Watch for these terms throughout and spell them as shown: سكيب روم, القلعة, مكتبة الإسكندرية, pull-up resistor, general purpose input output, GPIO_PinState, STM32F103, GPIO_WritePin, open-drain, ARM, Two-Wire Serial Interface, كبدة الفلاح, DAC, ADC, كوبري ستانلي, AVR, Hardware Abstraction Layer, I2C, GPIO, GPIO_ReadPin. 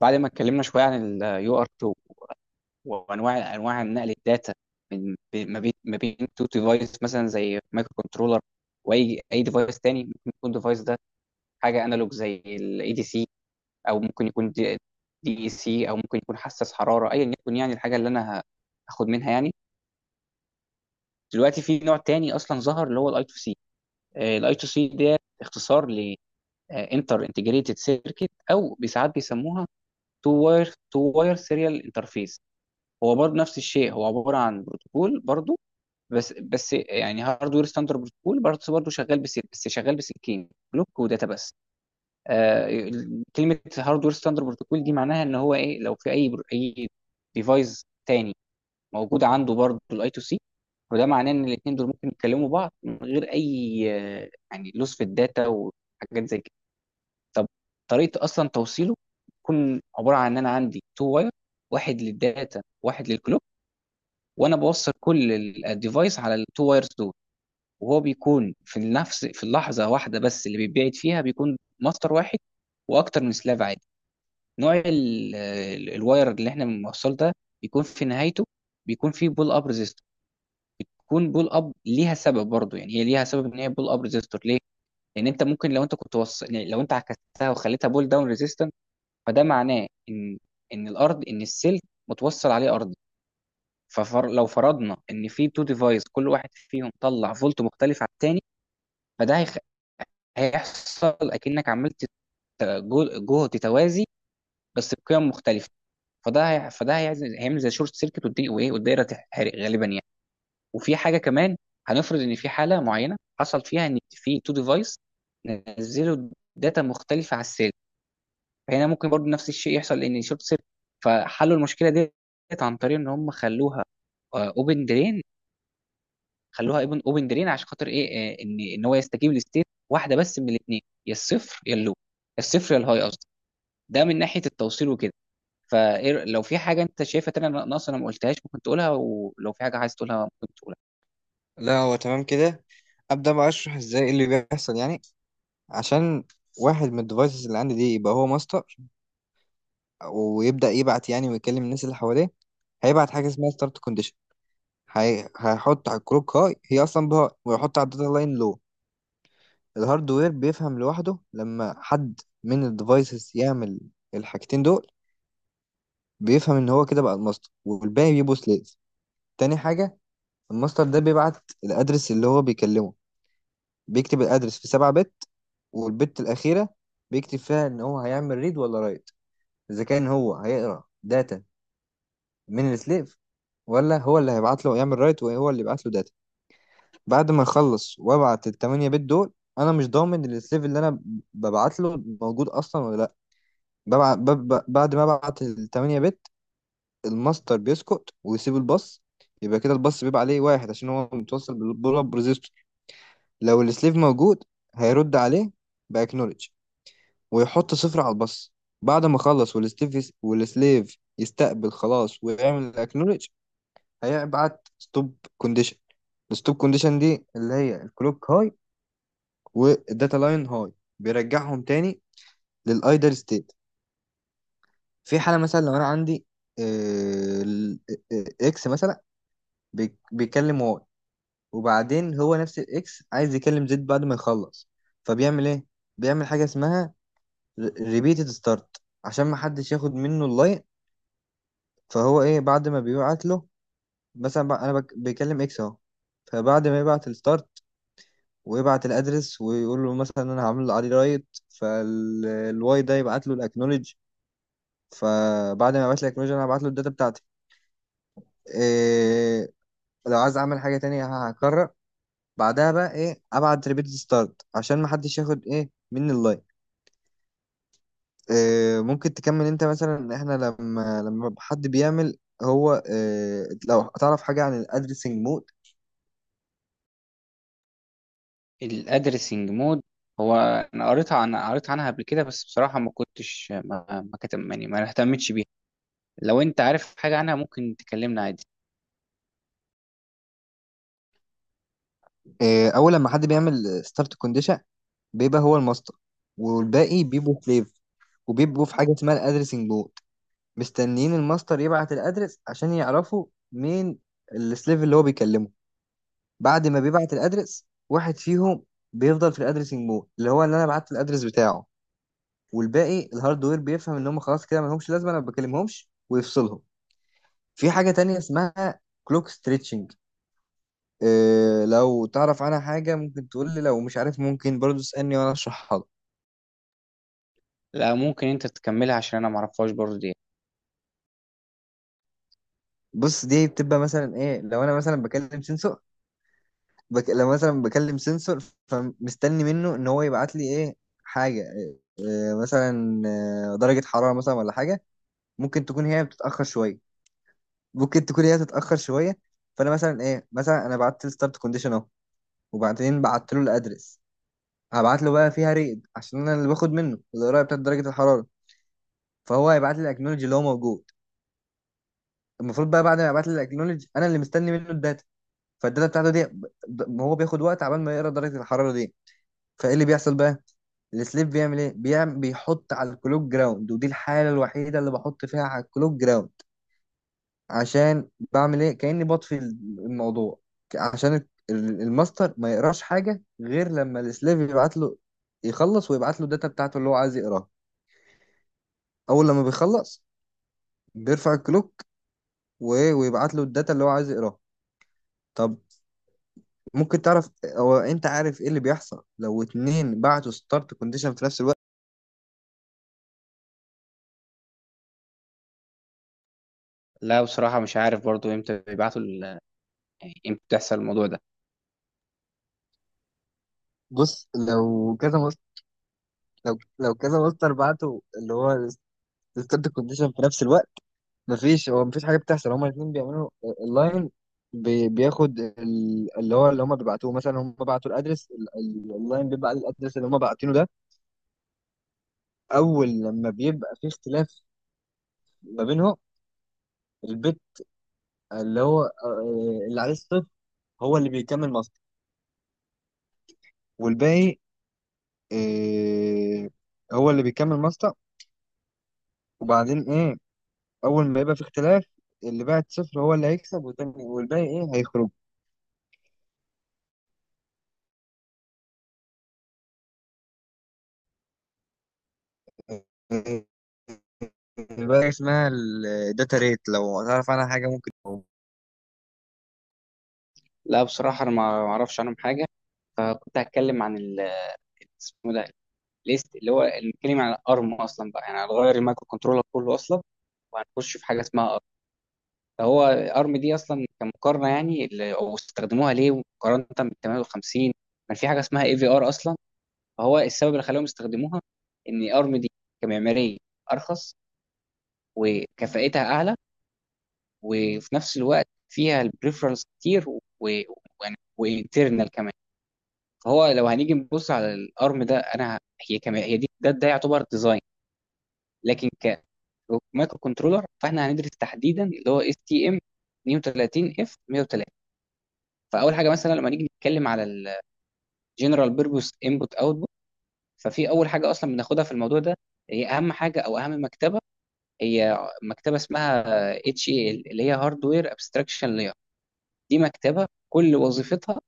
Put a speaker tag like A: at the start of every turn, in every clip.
A: بعد ما اتكلمنا شويه عن اليو ار 2 وانواع نقل الداتا من ما بين تو ديفايس، مثلا زي مايكرو كنترولر واي اي ديفايس تاني. ممكن يكون ديفايس ده حاجه انالوج زي الاي دي سي، او ممكن يكون دي اي سي، او ممكن يكون حساس حراره، ايا يكن يعني الحاجه اللي انا هاخد منها يعني. دلوقتي في نوع تاني اصلا ظهر، اللي هو الاي تو سي. الاي تو سي ده اختصار ل انتر انتجريتد سيركت، او ساعات بيسموها تو واير سيريال انترفيس. هو برضه نفس الشيء، هو عباره عن بروتوكول برضه. بس يعني هاردوير ستاندرد بروتوكول، برضه شغال بس. شغال بسلكين، بلوك وداتا بس. آه. كلمه هاردوير ستاندرد بروتوكول دي معناها ان هو ايه؟ لو في اي اي ديفايس تاني موجود عنده برضه الاي تو سي، وده معناه ان الاثنين دول ممكن يتكلموا بعض من غير اي، آه، يعني لوس في الداتا وحاجات زي كده. طب، طريقه اصلا توصيله تكون عباره عن ان انا عندي تو واير، واحد للداتا واحد للكلوك. وانا بوصل كل الديفايس على التو وايرز دول. وهو بيكون في نفس، في اللحظه واحده بس اللي بيتبعت فيها بيكون ماستر واحد واكتر من سلاف عادي. نوع الواير اللي احنا بنوصله ده بيكون في نهايته، بيكون فيه بول اب ريزيستور. بتكون بول اب ليها سبب برضه، يعني هي ليها سبب ان هي بول اب ريزيستور ليه. لان انت ممكن، لو انت كنت وصل يعني، لو انت عكستها وخليتها بول داون ريزيستنت، فده معناه ان الارض، ان السلك متوصل عليه ارض. فلو فرضنا ان في تو ديفايس كل واحد فيهم طلع فولت مختلف عن التاني، فده هيخ- هيحصل اكنك عملت جهد توازي بس بقيم مختلفه. فده هي... فده هيعزل- هيعمل زي شورت سيركت، والدي... وايه والدايره تتحرق غالبا يعني. وفي حاجه كمان، هنفرض ان في حاله معينه حصل فيها ان في تو ديفايس نزلوا داتا مختلفه على السيل. فهنا ممكن برضه نفس الشيء يحصل، ان شورت سيركت. فحلوا المشكله ديت عن طريق ان هم خلوها اوبن درين. خلوها اوبن جرين عشان خاطر ايه؟ آه، ان هو يستجيب لستيت واحده بس من الاثنين، يا الصفر يا اللو، يا الصفر يا الهاي قصدي. ده من ناحيه التوصيل وكده. فلو في حاجه انت شايفها تانية ناقصه انا ما قلتهاش ممكن تقولها، ولو في حاجه عايز تقولها ممكن تقولها.
B: لا، هو تمام كده. ابدا بقى اشرح ازاي إيه اللي بيحصل يعني. عشان واحد من الديفايسز اللي عندي دي يبقى هو ماستر ويبدا يبعت يعني ويكلم الناس اللي حواليه. هيبعت حاجه اسمها ستارت كونديشن. هيحط على الكروك هاي، هي اصلا بهاي، ويحط على الداتا لاين. لو الهاردوير بيفهم لوحده لما حد من الديفايسز يعمل الحاجتين دول، بيفهم ان هو كده بقى الماستر والباقي بيبقوا سليف. تاني حاجه، الماستر ده بيبعت الادرس اللي هو بيكلمه. بيكتب الادرس في 7 بت، والبت الاخيره بيكتب فيها ان هو هيعمل ريد ولا رايت. اذا كان هو هيقرا داتا من السليف، ولا هو اللي هيبعت له يعمل رايت وهو اللي يبعت له داتا. بعد ما اخلص وابعت التمانية بت دول، انا مش ضامن إن السليف اللي انا ببعت له موجود اصلا ولا لا. بعد ما ابعت التمانية بت، الماستر بيسكت ويسيب الباص. يبقى كده الباص بيبقى عليه واحد عشان هو متوصل بالبول اب ريزيستور. لو السليف موجود هيرد عليه باكنولج ويحط صفر على الباص. بعد ما خلص، والستيف والسليف يستقبل خلاص ويعمل الاكنولج، هيبعت ستوب كونديشن. الستوب كونديشن دي اللي هي الكلوك هاي والداتا لاين هاي، بيرجعهم تاني للايدل ستيت. في حالة مثلا لو انا عندي آه، ال- اكس مثلا، بيكلم واي، وبعدين هو نفس الاكس عايز يكلم زد بعد ما يخلص. فبيعمل ايه؟ بيعمل حاجة اسمها ريبيتد ستارت عشان ما حدش ياخد منه اللاين. فهو ايه بعد ما بيبعت له؟ مثلا بقى انا بيكلم اكس اهو. فبعد ما يبعت الستارت ويبعت الادرس ويقول له مثلا انا هعمل عليه رايت، فالواي ده يبعت له الاكنولج. فبعد ما يبعت لي الاكنولج، انا هبعت له الداتا بتاعتي. إيه، لو عايز اعمل حاجه تانية هكرر. بعدها بقى ايه؟ ابعت ريبيت ستارت عشان ما حدش ياخد ايه مني اللاين. إيه، ممكن تكمل انت مثلا؟ احنا لما حد بيعمل، هو إيه لو تعرف حاجه عن الادرسنج مود؟
A: الادرسنج مود. هو انا قريت عنها قبل كده، بس بصراحه ما كتب يعني ما اهتمتش بيها. لو انت عارف حاجه عنها ممكن تكلمنا عادي.
B: اول لما حد بيعمل ستارت كونديشن، بيبقى هو الماستر والباقي بيبقوا سليف، وبيبقوا في حاجه اسمها الادرسنج بورد، مستنيين الماستر يبعت الادرس عشان يعرفوا مين السليف اللي هو بيكلمه. بعد ما بيبعت الادرس، واحد فيهم بيفضل في الادرسنج بورد، اللي هو اللي انا بعت الادرس بتاعه، والباقي الهاردوير بيفهم ان هم خلاص كده ما لهمش لازمه، انا ما بكلمهمش ويفصلهم. في حاجه تانية اسمها كلوك ستريتشنج. إيه، لو تعرف عنها حاجة ممكن تقول لي، لو مش عارف ممكن برضو تسألني وأنا أشرحها لك.
A: لا، ممكن انت تكملها عشان انا ما اعرفهاش برضه دي.
B: بص، دي بتبقى مثلا إيه؟ لو أنا مثلا بكلم سنسور، لو مثلا بكلم سنسور، فمستني منه إن هو يبعت لي إيه؟ حاجة إيه مثلا؟ درجة حرارة مثلا ولا حاجة. ممكن تكون هي بتتأخر شوية. ممكن تكون هي بتتأخر شوية فأنا مثلا إيه، مثلا أنا بعت له ستارت كونديشن أهو، وبعدين بعت له الأدرس، هبعت له بقى فيها ريد عشان أنا اللي باخد منه القراية بتاعت درجة الحرارة. فهو هيبعت لي الأكنولوجي اللي هو موجود. المفروض بقى بعد ما يبعت لي الاكنولج، انا اللي مستني منه الداتا. فالداتا بتاعته دي هو بياخد وقت عبال ما يقرا درجه الحراره دي. فايه اللي بيحصل بقى؟ السليب بيعمل ايه؟ بيعمل، بيحط على الكلوك جراوند، ودي الحاله الوحيده اللي بحط فيها على الكلوك جراوند. عشان بعمل ايه؟ كاني بطفي الموضوع، عشان الماستر ما يقراش حاجه غير لما السليف يبعت له، يخلص ويبعت له الداتا بتاعته اللي هو عايز يقراها. اول لما بيخلص بيرفع الكلوك ويبعت له الداتا اللي هو عايز يقراها. طب، ممكن تعرف، هو انت عارف ايه اللي بيحصل لو اتنين بعتوا ستارت كونديشن في نفس الوقت؟
A: لا، بصراحه مش عارف برضه، امتى بيبعتوا يعني امتى بتحصل الموضوع ده.
B: بص، لو كذا مصدر، لو كذا مصدر بعتوا اللي هو ستارت كونديشن في نفس الوقت، مفيش، هو مفيش حاجه بتحصل، هما الاتنين بيعملوا اللاين. بياخد اللي هو اللي هما بيبعتوه، مثلا هما بعتوا الادرس اللاين بيبعت الادرس اللي هما باعتينه ده. اول لما بيبقى في اختلاف ما بينهم، البت اللي هو اللي عليه الصفر هو اللي بيكمل مصدر، والباقي إيه، هو اللي بيكمل ماستا. وبعدين ايه، اول ما يبقى في اختلاف، اللي بعد صفر هو اللي هيكسب، والتاني والباقي ايه، هيخرج. إيه، بقى اسمها الداتا ريت، لو تعرف عنها حاجة ممكن.
A: لا، بصراحة أنا ما أعرفش عنهم حاجة. فكنت هتكلم عن ال اسمه ده، ليست، اللي هو نتكلم عن الأرم أصلا بقى. يعني هنغير المايكرو كنترولر كله أصلا، وهنخش في حاجة اسمها أرم. فهو أرم دي أصلا كمقارنة، يعني أو استخدموها ليه مقارنة بال 58. كان في حاجة اسمها اي في ار أصلا. فهو السبب اللي خلاهم يستخدموها إن أرم دي كمعمارية أرخص وكفاءتها أعلى، وفي نفس الوقت فيها البريفرالز كتير و وانترنال كمان. فهو لو هنيجي نبص على الارم ده، انا هي كما هي دي، ده يعتبر ديزاين. لكن ك مايكرو كنترولر، فاحنا هندرس تحديدا اللي هو اس تي ام 32 اف 103. فاول حاجه مثلا لما نيجي نتكلم على الجنرال بيربوس انبوت اوتبوت، ففي اول حاجه اصلا بناخدها في الموضوع ده، هي اهم حاجه او اهم مكتبه، هي مكتبه اسمها اتش اي ال، اللي هي هاردوير ابستراكشن لاير. دي مكتبه كل وظيفتها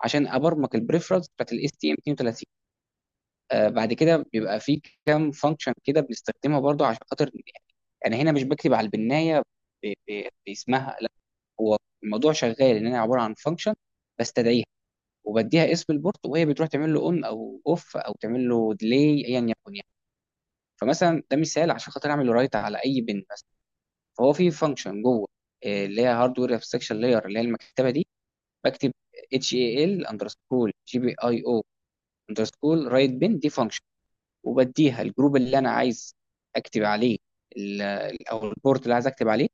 A: عشان ابرمج البريفرنس بتاعت الاس تي ام 32. آه، بعد كده بيبقى في كام فانكشن كده بنستخدمها برضو عشان خاطر يعني، انا هنا مش بكتب على البنايه باسمها، لا. هو الموضوع شغال ان انا عباره عن فانكشن بستدعيها وبديها اسم البورت، وهي بتروح تعمل له اون او اوف، او تعمل له ديلي، ايا يكن يعني. فمثلا ده مثال عشان خاطر اعمل رايت على اي بن مثلا. فهو في فانكشن جوه، آه، اللي هي هاردوير ابستراكشن لاير، اللي هي المكتبه دي. بكتب اتش اي ال اندرسكول جي بي اي او اندرسكول رايت بن، دي فانكشن وبديها الجروب اللي انا عايز اكتب عليه، او البورت اللي عايز اكتب عليه،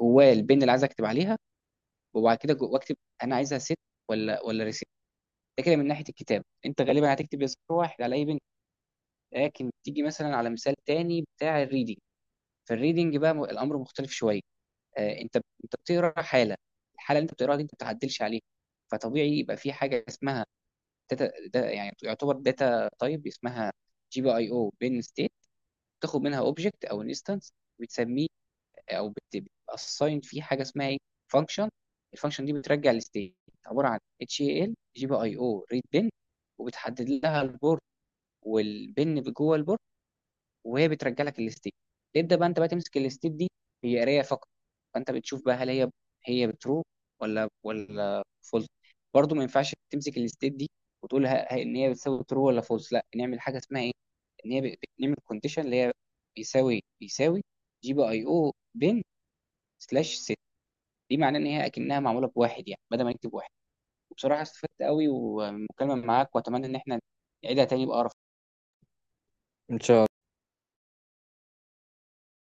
A: جواه البن اللي عايز اكتب عليها. وبعد كده جوه اكتب انا عايزها ست ولا ريسيت. ده كده من ناحيه الكتاب، انت غالبا هتكتب يا صفر واحد على اي بن. لكن تيجي مثلا على مثال تاني بتاع الريدنج. في الريدنج بقى الامر مختلف شويه. آه، انت بتقرا حاله. الحاله اللي انت بتقراها دي انت ما بتعدلش عليها. فطبيعي يبقى في حاجه اسمها داتا، ده يعني يعتبر داتا تايب اسمها جي بي اي او بن ستيت. تاخد منها اوبجكت او انستنس بتسميه، او بتاساين فيه حاجه اسمها ايه، فانكشن. الفانكشن دي بترجع الستيت، عباره عن اتش اي ال جي بي اي او ريد بن، وبتحدد لها البورت والبن جوه البورت، وهي بترجع لك الاستيك. تبدا بقى انت بقى تمسك الاستيك دي، هي قرايه فقط. فانت بتشوف بقى هل هي، بترو ولا فولس. برضو ما ينفعش تمسك الاستيك دي وتقول ان هي بتساوي ترو ولا فولس، لا نعمل حاجه اسمها ايه، ان هي بنعمل كونديشن اللي هي بيساوي جي بي اي او بين سلاش ست. دي معناه ان هي اكنها معموله بواحد، يعني بدل ما نكتب واحد. وبصراحه استفدت قوي والمكالمه معاك، واتمنى ان احنا نعيدها تاني بأقرب
B: ان شاء